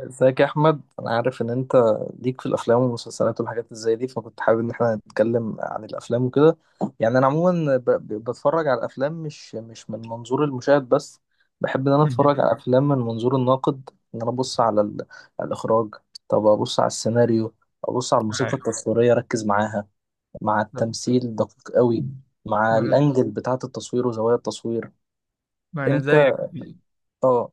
ازيك يا احمد؟ انا عارف ان انت ليك في الافلام والمسلسلات والحاجات اللي زي دي، فكنت حابب ان احنا نتكلم عن الافلام وكده. يعني انا عموما بتفرج على الافلام مش من منظور المشاهد بس. بحب ان انا مهم. اتفرج على الافلام من منظور الناقد، ان انا ابص على على الاخراج، طب ابص على السيناريو، ابص على الموسيقى يعني التصويريه اركز معاها، مع التمثيل دقيق قوي، مع ما انا الانجل بتاعه التصوير وزوايا التصوير. ما أنا انت؟ زيك، اه.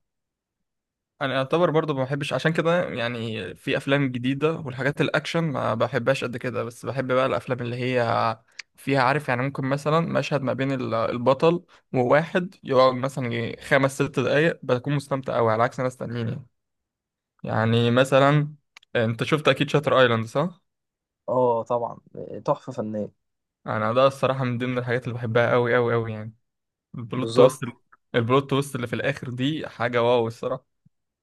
انا اعتبر برضو ما بحبش عشان كده. يعني في افلام جديده والحاجات الاكشن ما بحبهاش قد كده، بس بحب بقى الافلام اللي هي فيها، عارف؟ يعني ممكن مثلا مشهد ما بين البطل وواحد، يقعد مثلا يجي خمس ست دقايق بكون مستمتع قوي، على عكس ناس تانيين. يعني مثلا انت شفت اكيد شاتر ايلاند، صح؟ اه طبعا، تحفه فنيه. انا ده الصراحه من ضمن الحاجات اللي بحبها قوي قوي قوي يعني. البلوت بالظبط. تويست. البلوت تويست اللي في الاخر دي حاجه واو الصراحه.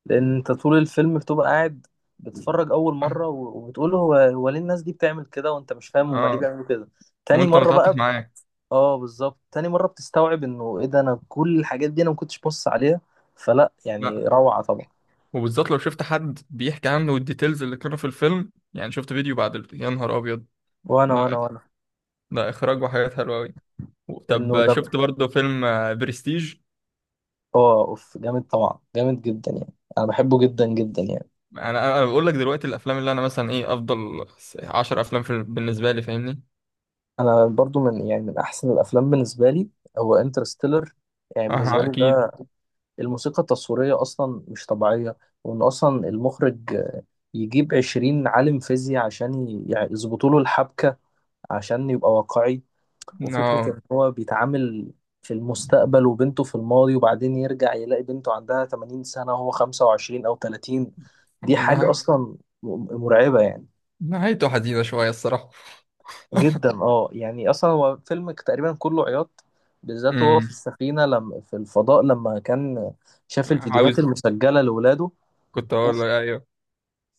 لان انت طول الفيلم بتبقى قاعد بتتفرج اول مره وبتقول هو ليه الناس دي بتعمل كده وانت مش فاهم هما ليه اه، بيعملوا كده. تاني وانت مره بقى متعاطف معاه. اه بالظبط، تاني مره بتستوعب انه ايه ده، انا كل الحاجات دي انا ما كنتش بص عليها. فلا يعني لا. روعه طبعا. وبالذات لو شفت حد بيحكي عنه والديتيلز اللي كانوا في الفيلم، يعني شفت فيديو بعد يا نهار ابيض! وانا لا وانا وانا لا، اخراج وحاجات حلوه قوي. انه طب شفت لم. برضه فيلم برستيج؟ اه اوف، جامد طبعا، جامد جدا يعني، انا بحبه جدا جدا يعني. انا بقول لك دلوقتي، الافلام اللي انا مثلا ايه افضل 10 افلام في بالنسبه لي، فاهمني؟ انا برضو من يعني من احسن الافلام بالنسبه لي هو انترستيلر. يعني بالنسبه اه لي ده، اكيد. الموسيقى التصويرية أصلا مش طبيعية. وإن أصلا المخرج يجيب 20 عالم فيزياء عشان يعني يظبطوا له الحبكة عشان يبقى واقعي. اه وفكرة إن هو بيتعامل في المستقبل وبنته في الماضي وبعدين يرجع يلاقي بنته عندها 80 سنة وهو 25 أو 30. دي حاجة والله، أصلا مرعبة يعني. نهايته حزينه شويه الصراحه. جدا يعني، أصلا هو فيلم تقريبا كله عياط، بالذات هو في امم السفينة، لما في الفضاء لما كان شاف الفيديوهات عاوز المسجلة لولاده، كنت اقول لك ايوه،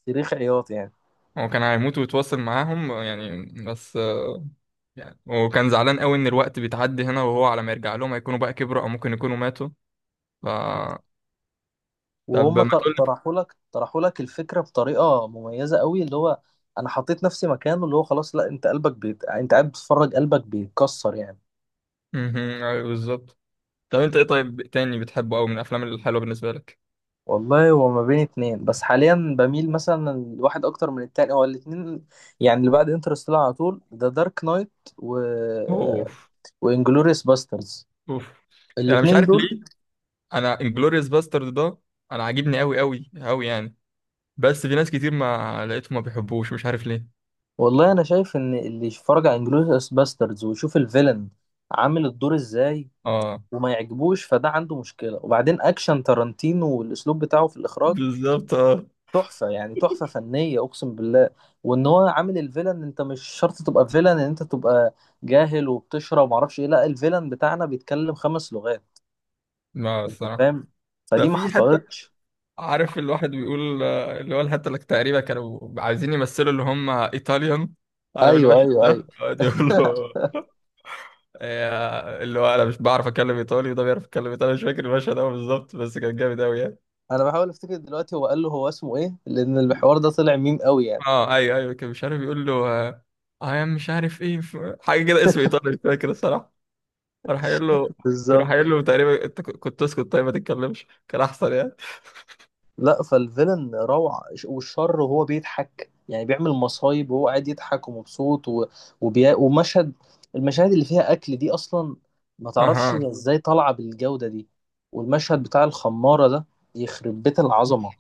صريخ عياط يعني. هو كان هيموت ويتواصل معاهم يعني، بس يعني وكان زعلان قوي ان الوقت بيتعدي هنا، وهو على ما يرجع لهم هيكونوا بقى كبروا او ممكن يكونوا ماتوا. ف طب وهم ما تقول لك. طرحوا لك، طرحوا لك الفكره بطريقه مميزه قوي، اللي هو انا حطيت نفسي مكانه، اللي هو خلاص لا انت قلبك بيت، انت قاعد بتتفرج قلبك بيتكسر يعني. مهم، أيوة بالظبط. طب انت ايه طيب تاني بتحبه قوي من الافلام الحلوه بالنسبه لك؟ والله هو ما بين اتنين، بس حاليا بميل مثلا الواحد اكتر من التاني، هو الاتنين يعني اللي بعد انترستيلر على طول، ذا دارك نايت، و اوف وانجلوريوس باسترز، اوف. يعني مش الاتنين عارف دول. ليه، انا انجلوريوس باسترد ده انا عاجبني قوي قوي قوي يعني. بس في ناس كتير ما لقيتهم ما بيحبوش، مش عارف ليه. والله انا شايف ان اللي يتفرج على انجلوريوس باسترز ويشوف الفيلن عامل الدور ازاي اه وما يعجبوش، فده عنده مشكلة. وبعدين أكشن تارانتينو والأسلوب بتاعه في الإخراج، بالظبط اه. تحفة يعني، تحفة فنية أقسم بالله. وإن هو عامل الفيلن، أنت مش شرط تبقى فيلن إن أنت تبقى جاهل وبتشرب ومعرفش إيه، لا، الفيلن بتاعنا بيتكلم 5 لغات. ما أنت الصراحه فاهم؟ ده فدي ما في حتى، حصلتش. عارف الواحد بيقول اللي هو الحتة اللي تقريبا كانوا عايزين يمثلوا اللي هم ايطاليان، عارف ايوه المشهد ايوه ايوه. ده؟ يقعد يقول له اللي هو انا مش بعرف اتكلم ايطالي وده بيعرف يتكلم ايطالي. مش فاكر المشهد قوي بالظبط، بس كان جامد قوي يعني. انا بحاول افتكر دلوقتي هو قال له هو اسمه ايه، لان الحوار ده طلع ميم قوي يعني. اه ايوه ايوه، كان مش عارف يقول له اي ام، مش عارف ايه، حاجه كده اسم ايطالي، مش فاكر الصراحه. راح قايل له راح بالظبط. قايل له تقريبا، انت كنت اسكت طيب ما تتكلمش كان احسن يعني. لا، فالفيلن روعة، والشر وهو بيضحك يعني، بيعمل مصايب وهو قاعد يضحك ومبسوط ومشهد، المشاهد اللي فيها أكل دي أصلا ما تعرفش اها هي إزاي طالعة بالجودة دي. والمشهد بتاع الخمارة ده يخرب بيت العظمة،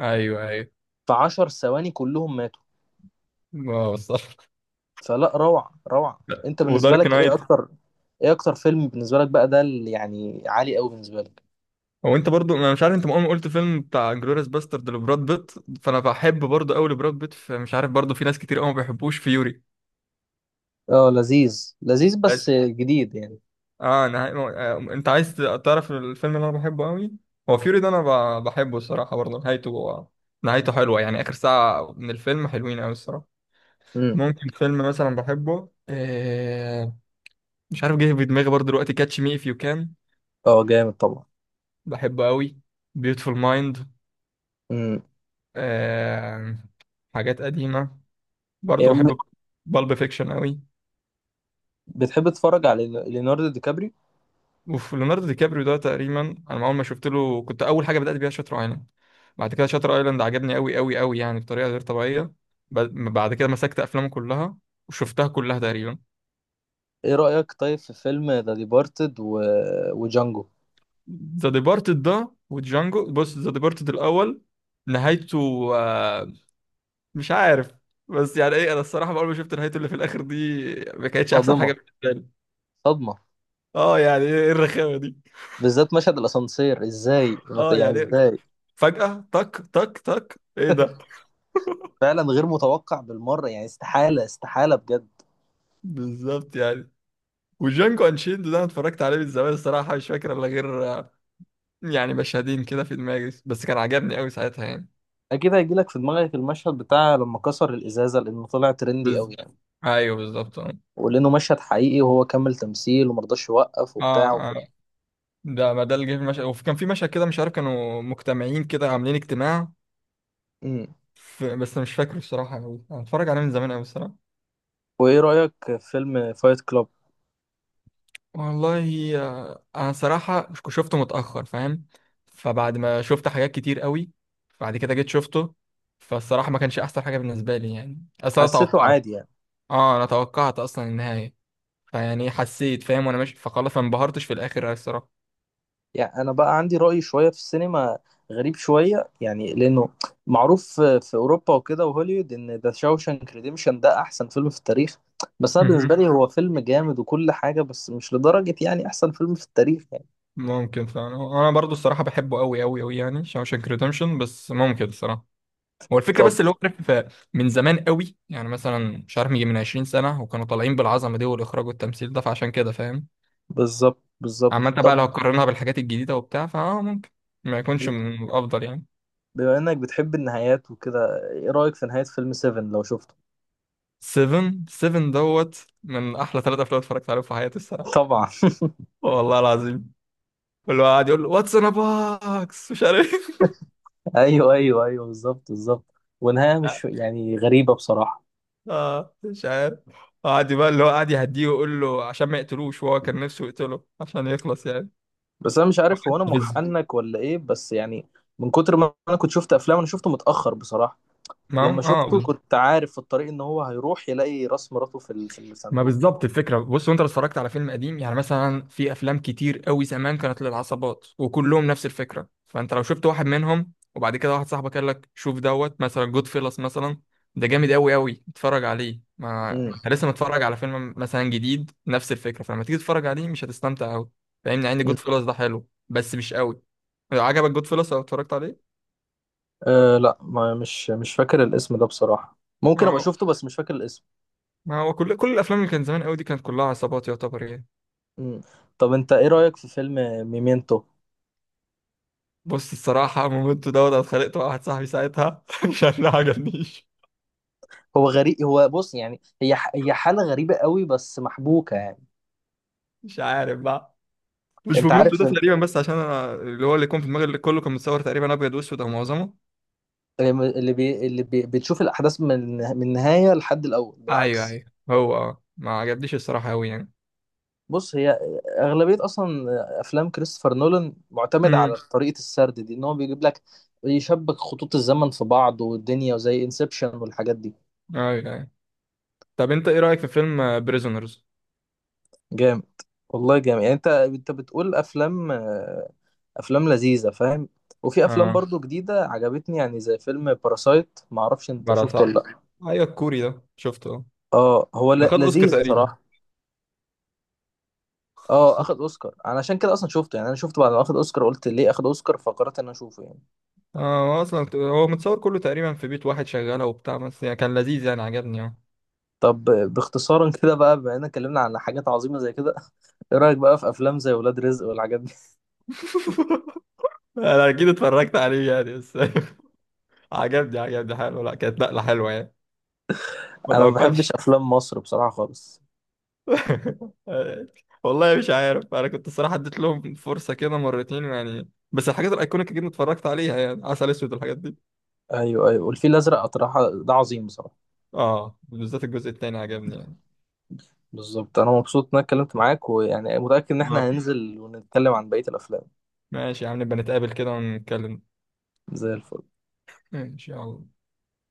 ايوه ايوه. في 10 ثواني كلهم ماتوا. اه صح، فلا روعة، روعة. أنت بالنسبة ودارك لك إيه نايت. أكتر، إيه أكتر فيلم بالنسبة لك بقى ده اللي يعني عالي أوي بالنسبة لك؟ هو انت برضو، انا مش عارف انت مؤمن، قلت فيلم بتاع جلوريس باسترد لبراد بيت، فانا بحب برضو قوي لبراد بيت، فمش عارف برضو في ناس كتير قوي ما بيحبوش فيوري اه لذيذ لذيذ بس. بس جديد يعني. اه، انا انت عايز تعرف الفيلم اللي انا بحبه قوي، هو فيوري ده، انا بحبه الصراحه، برضو نهايته حلوه يعني، اخر ساعه من الفيلم حلوين قوي الصراحه. امم. ممكن فيلم مثلا بحبه، مش عارف، جه في دماغي برضو دلوقتي كاتش مي اف يو كان، اه جامد طبعا. بحبه قوي. بيوتفول مايند. امم. آه حاجات قديمه برضه بحب، بالب فيكشن قوي. بتحب تتفرج على ليوناردو دي كابري؟ وفي ليوناردو دي كابريو ده تقريبا، انا ما اول ما شفت له كنت اول حاجه بدات بيها شاتر ايلاند. بعد كده شاتر ايلاند عجبني قوي قوي قوي يعني بطريقه غير طبيعيه. بعد كده مسكت افلامه كلها وشفتها كلها تقريبا. ايه رأيك طيب في فيلم ذا ديبارتد وجانجو؟ ذا ديبارتد ده وجانجو، بص ذا ديبارتد الاول، نهايته، آه، مش عارف. بس يعني ايه، انا الصراحه اول ما شفت نهايته اللي في الاخر دي ما كانتش احسن حاجه صادمة، بالنسبه لي. صدمة. اه، يعني ايه الرخامه دي؟ بالذات مشهد الأسانسير، ازاي اه يعني؟ يعني إيه؟ ازاي؟ فجاه تك تك تك ايه ده؟ فعلا غير متوقع بالمرة يعني، استحالة استحالة بجد. بالظبط يعني. وجانجو انشيلد ده انا اتفرجت عليه من زمان الصراحه، مش فاكر الا غير يعني مشهدين كده في دماغي، بس كان عجبني قوي ساعتها يعني. أكيد هيجيلك في دماغك المشهد بتاع لما كسر الإزازة، لأنه طلع ترندي بز... قوي يعني. ايوه بالظبط اه. ولأنه مشهد حقيقي وهو كمل تمثيل ومرضاش يوقف وبتاع اه آه. وكده. ده ما ده اللي جه في المشهد. وكان في مشهد كده مش عارف، كانوا مجتمعين كده عاملين اجتماع، امم. بس مش فاكره الصراحه قوي، انا اتفرج عليه من زمان قوي الصراحه. وإيه رأيك في فيلم فايت كلاب؟ والله انا صراحه شفته متاخر، فاهم؟ فبعد ما شفت حاجات كتير قوي، بعد كده جيت شفته، فالصراحه ما كانش احسن حاجه بالنسبه لي يعني. اصل انا حسيته توقعت عادي يعني. اه انا توقعت اصلا النهايه. فيعني حسيت فاهم وانا ماشي، فخلاص ما انبهرتش في الاخر أوي الصراحه. يعني انا بقى عندي رأي شوية في السينما غريب شوية، يعني لانه معروف في اوروبا وكده وهوليوود ان ذا شاوشانك ريديمشن ده احسن فيلم في التاريخ، بس انا بالنسبة مهم. لي هو فيلم جامد وكل حاجة بس مش لدرجة يعني احسن فيلم في التاريخ يعني. ممكن فعلا، هو انا برضو الصراحه بحبه قوي قوي قوي يعني شاوشانك ريدمشن، بس ممكن الصراحه هو الفكره طب بس اللي هو، عارف، من زمان قوي، يعني مثلا مش عارف يجي من 20 سنه، وكانوا طالعين بالعظمه دي والاخراج والتمثيل ده، فعشان كده فاهم. بالظبط، عامه بالظبط. بقى، لو طب هتقارنها بالحاجات الجديده وبتاع، فاه ممكن ما يكونش من الافضل يعني. بما انك بتحب النهايات وكده، ايه رأيك في نهاية فيلم 7 لو شفته؟ 7 دوت، من احلى ثلاثة افلام اتفرجت عليهم في حياتي الصراحه، طبعا. والله العظيم. كله قاعد يقول له واتس ان باكس، مش عارف. ايوه ايوه ايوه، بالظبط بالظبط. ونهاية مش يعني غريبة بصراحة. اه مش عارف، قعد بقى اللي هو قعد يهديه ويقول له عشان ما يقتلوش، وهو كان نفسه يقتله عشان يخلص يعني. بس انا مش عارف هو انا بز محنك ولا ايه، بس يعني من كتر ما انا كنت شفت افلام انا شفته متاخر بصراحه. ما لما هو شفته اه. كنت عارف في الطريق ان هو هيروح يلاقي راس مراته في في ما الصندوق. بالظبط الفكره، بص، وانت لو اتفرجت على فيلم قديم يعني، مثلا في افلام كتير قوي زمان كانت للعصابات وكلهم نفس الفكره، فانت لو شفت واحد منهم وبعد كده واحد صاحبك قال لك شوف دوت مثلا جود فيلس مثلا، ده جامد قوي قوي اتفرج عليه، ما امم. انت لسه متفرج على فيلم مثلا جديد نفس الفكره، فلما تيجي تتفرج عليه مش هتستمتع قوي، فاهمني؟ عندي أمم. جود فيلس ده حلو بس مش قوي. لو عجبك جود فيلس او اتفرجت عليه، آه لا، ما مش فاكر الاسم ده بصراحه، ممكن ما ابقى هو شفته بس مش فاكر الاسم. ما هو كل الافلام اللي كانت زمان قوي دي كانت كلها عصابات يعتبر يعني. امم. طب انت ايه رايك في فيلم ميمنتو؟ بص الصراحة، مومنتو دوت أنا اتخانقت مع واحد صاحبي ساعتها عشان ما عجبنيش. هو غريب، هو بص يعني هي هي حاله غريبه قوي بس محبوكه يعني. مش عارف بقى، مش انت مومنتو عارف، ده تقريبا، بس عشان أنا اللي هو اللي يكون في دماغي اللي كله كان متصور تقريبا أبيض وأسود أو معظمه. بتشوف الاحداث من النهايه لحد الاول أيوه بالعكس. أيوه. هو آه. ما عجبنيش الصراحة أوي يعني. بص، هي اغلبيه اصلا افلام كريستوفر نولان معتمده على امم طريقه السرد دي، ان هو بيجيب لك يشبك خطوط الزمن في بعض والدنيا، وزي انسبشن والحاجات دي. أيوه أيوه. طب أنت إيه رأيك في فيلم بريزونرز؟ جامد، والله جامد يعني. انت، انت بتقول افلام افلام لذيذه فاهم. وفي افلام آه برضو جديده عجبتني، يعني زي فيلم باراسايت، ما اعرفش انت شفته ولا براسات، لا. أيوه الكوري ده شفته آه. اه هو ده خد أوسكار لذيذ تقريبا. بصراحه. اه اخد اوسكار، انا عشان كده اصلا شفته يعني، انا شفته بعد ما اخد اوسكار، قلت ليه اخد اوسكار فقررت ان أنا اشوفه يعني. هو أصلا هو متصور كله تقريبا في بيت واحد شغالة وبتاع، بس يعني كان لذيذ يعني عجبني آه. طب باختصارا كده بقى، بما اننا اتكلمنا عن حاجات عظيمه زي كده، ايه رايك بقى في افلام زي ولاد رزق والحاجات دي؟ انا اكيد اتفرجت عليه يعني بس. عجبني حلو، لا كانت نقلة حلوة يعني. ما انا ما بحبش توقعتش. افلام مصر بصراحه خالص. والله مش عارف، انا كنت الصراحة اديت لهم فرصة كده مرتين يعني، بس الحاجات الايكونيك جدا اتفرجت عليها يعني، عسل اسود والحاجات دي. ايوه ايوه، والفيل الازرق اطرحه ده عظيم بصراحه. اه بالذات الجزء التاني عجبني يعني. بالظبط، انا مبسوط ان انا اتكلمت معاك ويعني متاكد ان آه. احنا هننزل ونتكلم عن بقيه الافلام. ماشي يا عم، نبقى نتقابل كده ونتكلم، زي الفل. ان شاء الله.